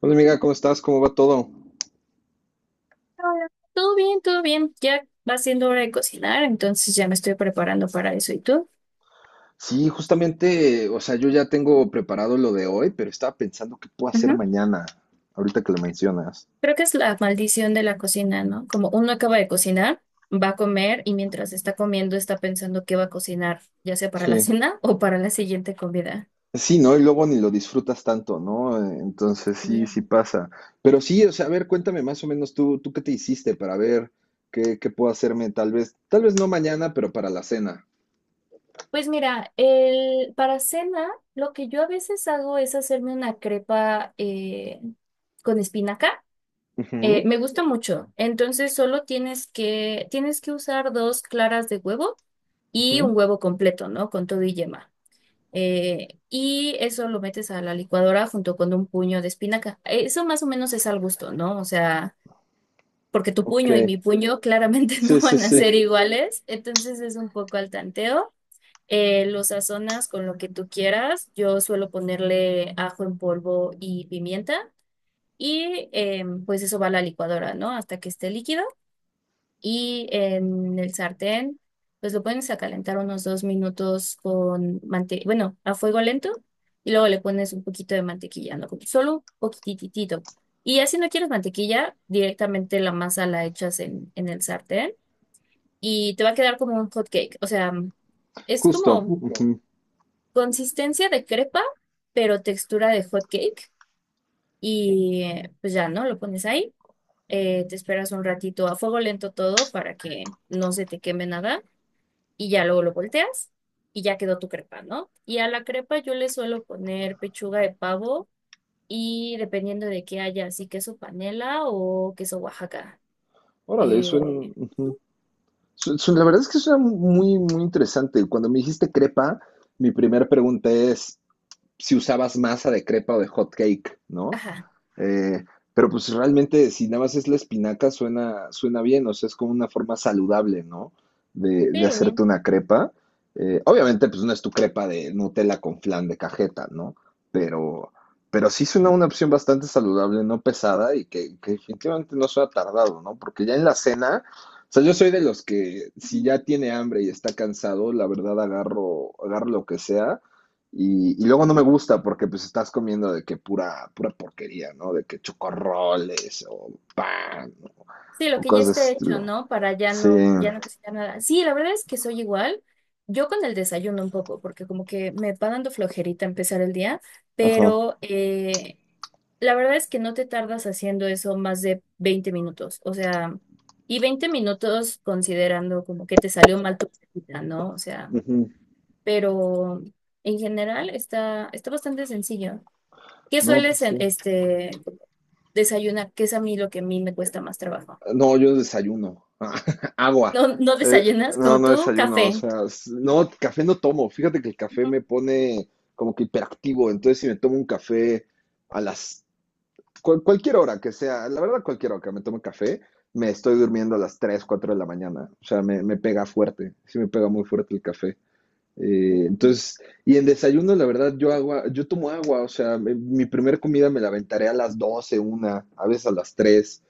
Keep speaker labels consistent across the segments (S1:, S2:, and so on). S1: Hola amiga, ¿cómo estás? ¿Cómo va todo?
S2: Hola. Todo bien, todo bien. Ya va siendo hora de cocinar, entonces ya me estoy preparando para eso. ¿Y tú?
S1: Sí, justamente, o sea, yo ya tengo preparado lo de hoy, pero estaba pensando qué puedo hacer
S2: Ujú.
S1: mañana, ahorita que lo mencionas.
S2: Creo que es la maldición de la cocina, ¿no? Como uno acaba de cocinar, va a comer y mientras está comiendo está pensando qué va a cocinar, ya sea para la
S1: Sí.
S2: cena o para la siguiente comida.
S1: Sí, ¿no? Y luego ni lo disfrutas tanto, ¿no? Entonces sí,
S2: Bien.
S1: sí pasa. Pero sí, o sea, a ver, cuéntame más o menos tú qué te hiciste para ver qué puedo hacerme tal vez no mañana, pero para la cena.
S2: Pues mira, para cena, lo que yo a veces hago es hacerme una crepa con espinaca.
S1: Ujú,
S2: Me gusta mucho. Entonces solo tienes que usar dos claras de huevo y
S1: ujú.
S2: un huevo completo, ¿no? Con todo y yema. Y eso lo metes a la licuadora junto con un puño de espinaca. Eso más o menos es al gusto, ¿no? O sea, porque tu
S1: Ok,
S2: puño y mi puño claramente no
S1: sí, sí,
S2: van a
S1: sí,
S2: ser iguales, entonces es un poco al tanteo. Lo sazonas con lo que tú quieras. Yo suelo ponerle ajo en polvo y pimienta. Y pues eso va a la licuadora, ¿no? Hasta que esté líquido y en el sartén, pues lo pones a calentar unos 2 minutos bueno, a fuego lento y luego le pones un poquito de mantequilla, ¿no? Como solo un poquititito. Y ya si no quieres mantequilla, directamente la masa la echas en el sartén y te va a quedar como un hot cake. O sea, es
S1: justo.
S2: como
S1: Ujú.
S2: consistencia de crepa, pero textura de hot cake. Pues ya, ¿no? Lo pones ahí. Te esperas un ratito a fuego lento todo para que no se te queme nada y ya luego lo volteas y ya quedó tu crepa, ¿no? Y a la crepa yo le suelo poner pechuga de pavo y dependiendo de qué haya, así queso panela o queso Oaxaca.
S1: Órale,
S2: Eh,
S1: suena. Ujú. La verdad es que suena muy, muy interesante. Cuando me dijiste crepa, mi primera pregunta es si usabas masa de crepa o de hot cake, ¿no?
S2: ajá,
S1: Eh, pero pues realmente si nada más es la espinaca suena, suena bien, o sea, es como una forma saludable, ¿no? De
S2: sí.
S1: hacerte una crepa. Obviamente pues no es tu crepa de Nutella con flan de cajeta, ¿no? Pero, pero sí suena una opción bastante saludable, no pesada y que definitivamente no suena tardado, ¿no? Porque ya en la cena, o sea, yo soy de los que si
S2: Ujú.
S1: ya tiene hambre y está cansado, la verdad agarro, agarro lo que sea y luego no me gusta porque pues estás comiendo de que pura, pura porquería, ¿no? De que chocorroles o pan
S2: Sí, lo
S1: o
S2: que ya
S1: cosas de ese
S2: esté hecho,
S1: estilo.
S2: ¿no? Para ya
S1: Sí,
S2: no, ya no cocinar nada. Sí, la verdad es que soy igual. Yo con el desayuno un poco, porque como que me va dando flojerita empezar el día,
S1: ajá.
S2: pero la verdad es que no te tardas haciendo eso más de 20 minutos, o sea, y 20 minutos considerando como que te salió mal tu práctica, ¿no? O sea,
S1: Ujú.
S2: pero en general está bastante sencillo. ¿Qué
S1: No, pues
S2: sueles
S1: sí.
S2: desayunar? Que es a mí lo que a mí me cuesta más trabajo.
S1: No, yo desayuno. Agua.
S2: ¿No, no
S1: Eh,
S2: desayunas
S1: no,
S2: como
S1: no
S2: tú?
S1: desayuno. O
S2: Café.
S1: sea, no, café no tomo. Fíjate que el café
S2: Ujú.
S1: me pone como que hiperactivo. Entonces, si me tomo un café a las cualquier hora que sea, la verdad, cualquier hora que me tome café, me estoy durmiendo a las 3 4 de la mañana. O sea, me pega fuerte, sí me pega muy fuerte el café. Entonces, y en desayuno, la verdad, yo agua, yo tomo agua, o sea, mi primer comida me la aventaré a las 12 una, a veces a las 3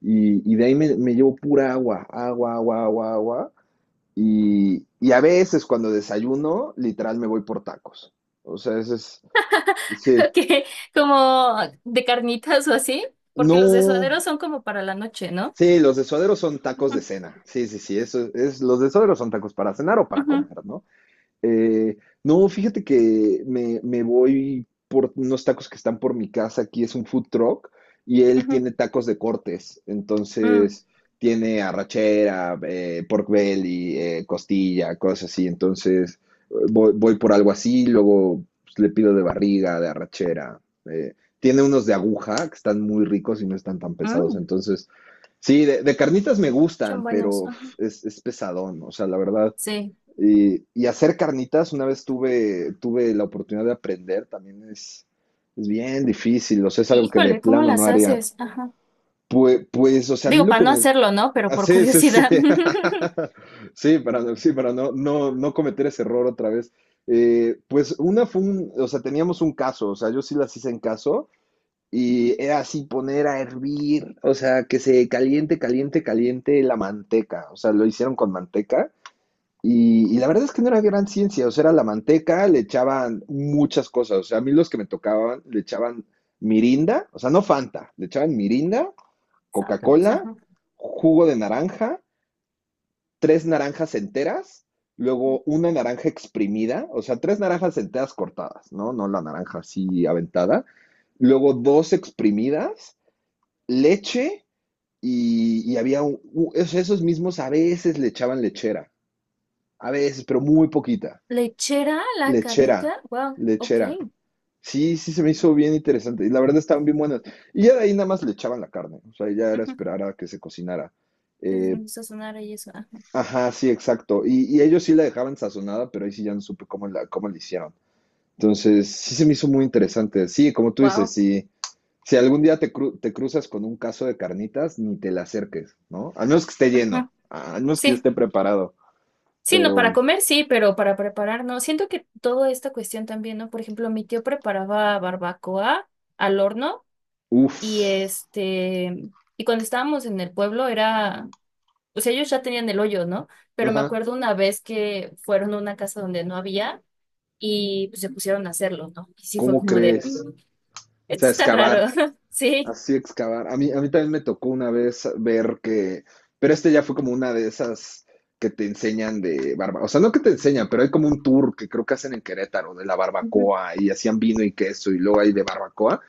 S1: y de ahí me llevo pura agua, agua, agua, agua, agua. Y a veces cuando desayuno, literal me voy por tacos. O sea, ese es, sí.
S2: Que como de carnitas o así, porque los de
S1: No,
S2: son como para la noche, ¿no?
S1: Sí, los desoderos son tacos de
S2: Ujú,
S1: cena. Sí, sí, sí, eso es, los desoderos son tacos para cenar o para
S2: ujú,
S1: comer, ¿no? Eh, no, fíjate que me voy por unos tacos que están por mi casa, aquí es un food truck y él
S2: ujú.
S1: tiene tacos de cortes,
S2: Mm.
S1: entonces tiene arrachera, pork belly, costilla, cosas así, entonces voy por algo así, luego pues, le pido de barriga, de arrachera, tiene unos de aguja que están muy ricos y no están tan pesados,
S2: Mm.
S1: entonces Sí, de carnitas me
S2: Son
S1: gustan, pero
S2: buenos.
S1: uf, es pesadón, o sea, la verdad.
S2: Sí.
S1: Y hacer carnitas, una vez tuve, tuve la oportunidad de aprender, también es bien difícil, o sea, es algo que de
S2: Híjole, ¿cómo
S1: plano no
S2: las
S1: haría.
S2: haces? Ajá.
S1: Pues, pues, o sea, a mí
S2: Digo,
S1: lo
S2: para
S1: que
S2: no
S1: me...
S2: hacerlo, ¿no? Pero
S1: ah,
S2: por
S1: Sí, sí, sí.
S2: curiosidad.
S1: Sí, para no, no, no cometer ese error otra vez. Pues una fue un, o sea, teníamos un caso, o sea, yo sí las hice en caso y era así poner a hervir, o sea, que se caliente, caliente, caliente la manteca, o sea, lo hicieron con manteca y la verdad es que no era gran ciencia, o sea, era la manteca, le echaban muchas cosas, o sea, a mí los que me tocaban le echaban mirinda, o sea, no Fanta, le echaban mirinda,
S2: Sácalos,
S1: Coca-Cola,
S2: ajá.
S1: jugo de naranja, tres naranjas enteras, luego una naranja exprimida, o sea, tres naranjas enteras cortadas, ¿no? No la naranja así aventada, luego dos exprimidas, leche y había un- esos mismos a veces le echaban lechera, a veces, pero muy poquita.
S2: Lechera, la
S1: Lechera,
S2: carnita. Wow, ok.
S1: lechera. Sí, sí, se me hizo bien interesante. Y la verdad estaban bien buenas. Y ya de ahí nada más le echaban la carne. O sea, ya era
S2: Ujú.
S1: esperar a que se cocinara.
S2: Entonces
S1: Eh,
S2: empezó a sonar ahí eso. Ajá.
S1: ajá, sí, exacto. Y ellos sí la dejaban sazonada, pero ahí sí ya no supe cómo la hicieron. Entonces, sí se me hizo muy interesante. Sí, como tú dices,
S2: Wow.
S1: sí, Si algún día te, cru- te cruzas con un caso de carnitas, ni te le acerques, ¿no? Al menos que esté lleno,
S2: Ajá.
S1: al menos que
S2: Sí.
S1: esté preparado,
S2: Sí, no, para
S1: pero,
S2: comer sí, pero para preparar no. Siento que toda esta cuestión también, ¿no? Por ejemplo, mi tío preparaba barbacoa al horno
S1: uff,
S2: y y cuando estábamos en el pueblo era, o sea, ellos ya tenían el hoyo, ¿no? Pero me
S1: ajá,
S2: acuerdo una vez que fueron a una casa donde no había y pues, se pusieron a hacerlo, ¿no? Y sí fue
S1: ¿cómo
S2: como de,
S1: crees?
S2: "Mm,
S1: O
S2: esto
S1: sea,
S2: está raro",
S1: excavar,
S2: sí.
S1: así excavar. A mí también me tocó una vez ver que, pero este ya fue como una de esas que te enseñan de barba, o sea, no que te enseñan, pero hay como un tour que creo que hacen en Querétaro de la
S2: Ujú,
S1: barbacoa y hacían vino y queso y luego hay de barbacoa.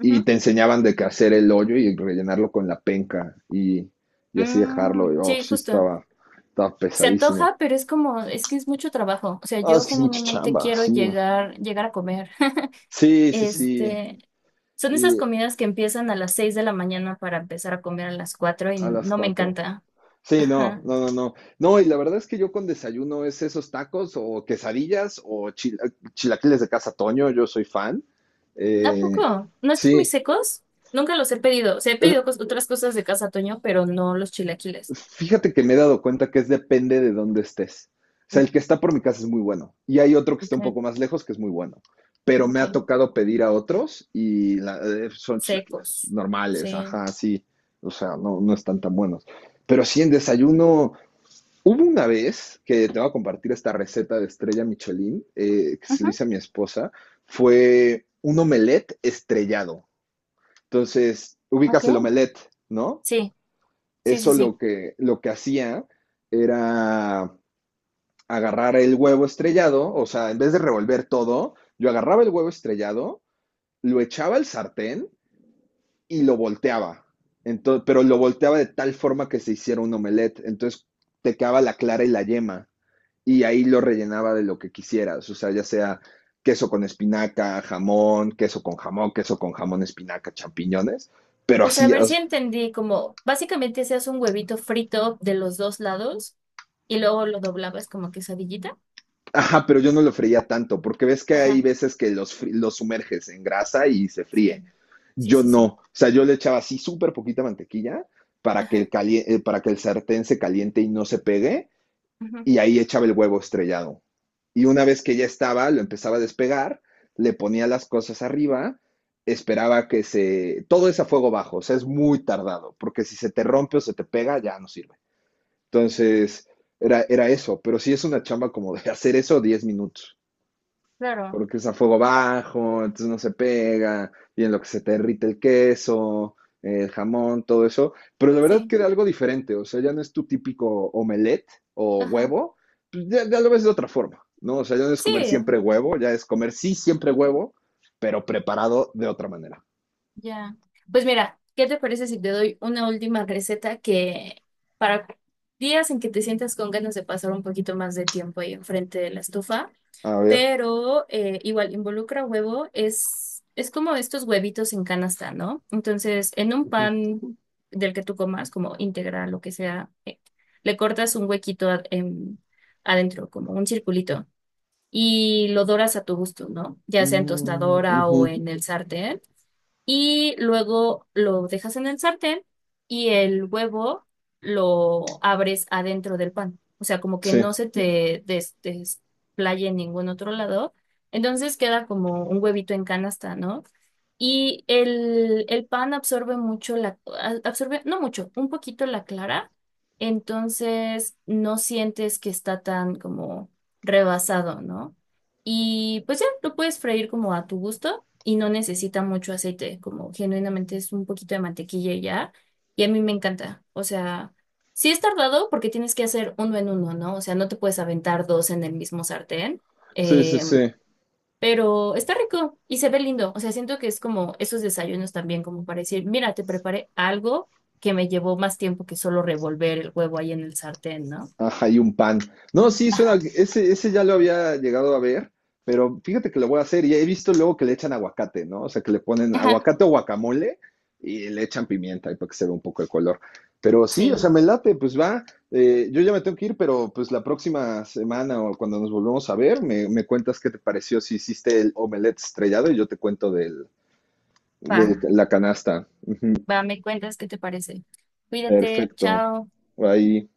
S1: Y te enseñaban de que hacer el hoyo y rellenarlo con la penca y así dejarlo. Y,
S2: Mm,
S1: oh,
S2: sí,
S1: sí,
S2: justo.
S1: estaba, estaba
S2: Se
S1: pesadísimo.
S2: antoja, pero es como, es que es mucho trabajo. O sea,
S1: Ah,
S2: yo
S1: es que es mucha
S2: genuinamente
S1: chamba,
S2: quiero
S1: sí.
S2: llegar a comer.
S1: Sí, sí, sí.
S2: Este, Son esas
S1: Y
S2: comidas que empiezan a las 6 de la mañana para empezar a comer a las 4 y
S1: a las
S2: no me
S1: cuatro.
S2: encanta.
S1: Sí, no,
S2: Ajá.
S1: no, no, no. No, y la verdad es que yo con desayuno es esos tacos o quesadillas o chilaquiles de Casa Toño, yo soy fan.
S2: ¿A
S1: Eh,
S2: poco? ¿No están muy
S1: sí,
S2: secos? Nunca los he pedido. O sea, he pedido otras cosas de Casa Toño, pero no los chilaquiles.
S1: Fíjate que me he dado cuenta que es depende de dónde estés. O sea,
S2: Ujú.
S1: el que está por mi casa es muy bueno. Y hay otro que está
S2: Ok,
S1: un poco más lejos que es muy bueno. Pero me ha
S2: ok.
S1: tocado pedir a otros y la- son chilaquiles
S2: Secos.
S1: normales,
S2: Sí.
S1: ajá, sí. O sea, no, no están tan buenos. Pero sí, en desayuno, hubo una vez que te voy a compartir esta receta de estrella Michelin que se le
S2: Ujú.
S1: hice a mi esposa. Fue un omelette estrellado. Entonces, ubicas el
S2: Ok.
S1: omelette, ¿no?
S2: Sí, sí, sí,
S1: Eso lo
S2: sí.
S1: que, lo que hacía era agarrar el huevo estrellado, o sea, en vez de revolver todo, yo agarraba el huevo estrellado, lo echaba al sartén y lo volteaba. Entonces, pero lo volteaba de tal forma que se hiciera un omelette. Entonces te quedaba la clara y la yema. Y ahí lo rellenaba de lo que quisieras. O sea, ya sea queso con espinaca, jamón, queso con jamón, queso con jamón, espinaca, champiñones. Pero
S2: O sea, a
S1: así,
S2: ver si entendí, como básicamente se hace un huevito frito de los dos lados y luego lo doblabas como quesadillita.
S1: Ajá, pero yo no lo freía tanto, porque ves que hay
S2: Ajá,
S1: veces que los sumerges en grasa y se fríen.
S2: sí, sí,
S1: Yo
S2: sí,
S1: no.
S2: sí.
S1: O sea, yo le echaba así súper poquita mantequilla para que el
S2: Ajá.
S1: cali- para que el sartén se caliente y no se pegue,
S2: Ujú.
S1: y ahí echaba el huevo estrellado. Y una vez que ya estaba, lo empezaba a despegar, le ponía las cosas arriba, esperaba que se... Todo es a fuego bajo, o sea, es muy tardado, porque si se te rompe o se te pega, ya no sirve. Entonces, era eso, pero sí es una chamba como de hacer eso 10 minutos
S2: Claro.
S1: porque usa fuego bajo, entonces no se pega, y en lo que se te derrite el queso, el jamón, todo eso. Pero la verdad
S2: Sí,
S1: que era algo diferente, o sea, ya no es tu típico omelette o
S2: ajá.
S1: huevo, pues ya, ya lo ves de otra forma, ¿no? O sea, ya no es
S2: Sí.
S1: comer siempre huevo, ya es comer sí siempre huevo, pero preparado de otra manera.
S2: Ya. Pues mira, ¿qué te parece si te doy una última receta que para días en que te sientas con ganas de pasar un poquito más de tiempo ahí enfrente de la estufa?
S1: A ver.
S2: Pero igual involucra huevo, es como estos huevitos en canasta, ¿no? Entonces, en un
S1: Ujú.
S2: pan del que tú comas, como integral, lo que sea, le cortas un huequito adentro, como un circulito, y lo doras a tu gusto, ¿no? Ya sea en
S1: Mm,
S2: tostadora o
S1: ujú.
S2: en el sartén y luego lo dejas en el sartén y el huevo lo abres adentro del pan. O sea, como que
S1: Sí,
S2: no se te desplaye en ningún otro lado. Entonces queda como un huevito en canasta, ¿no? Y el pan absorbe mucho absorbe, no mucho, un poquito la clara. Entonces no sientes que está tan como rebasado, ¿no? Y pues ya, lo puedes freír como a tu gusto y no necesita mucho aceite, como genuinamente es un poquito de mantequilla y ya, y a mí me encanta, o sea, sí es tardado porque tienes que hacer uno en uno, ¿no? O sea, no te puedes aventar dos en el mismo sartén,
S1: sí, sí,
S2: eh,
S1: sí.
S2: pero está rico y se ve lindo, o sea, siento que es como esos desayunos también, como para decir, mira, te preparé algo que me llevó más tiempo que solo revolver el huevo ahí en el sartén, ¿no?
S1: Ajá, y un pan. No, sí, suena,
S2: Ajá,
S1: ese ya lo había llegado a ver, pero fíjate que lo voy a hacer y he visto luego que le echan aguacate, ¿no? O sea, que le ponen
S2: ajá,
S1: aguacate o guacamole y le echan pimienta ahí para que se vea un poco el color. Pero sí, o sea,
S2: sí,
S1: me late, pues va. Yo ya me tengo que ir, pero pues la próxima semana o cuando nos volvamos a ver, me cuentas qué te pareció si hiciste el omelette estrellado y yo te cuento del,
S2: va,
S1: de la canasta.
S2: va, me cuentas qué te parece. Cuídate,
S1: Perfecto.
S2: chao.
S1: Ahí.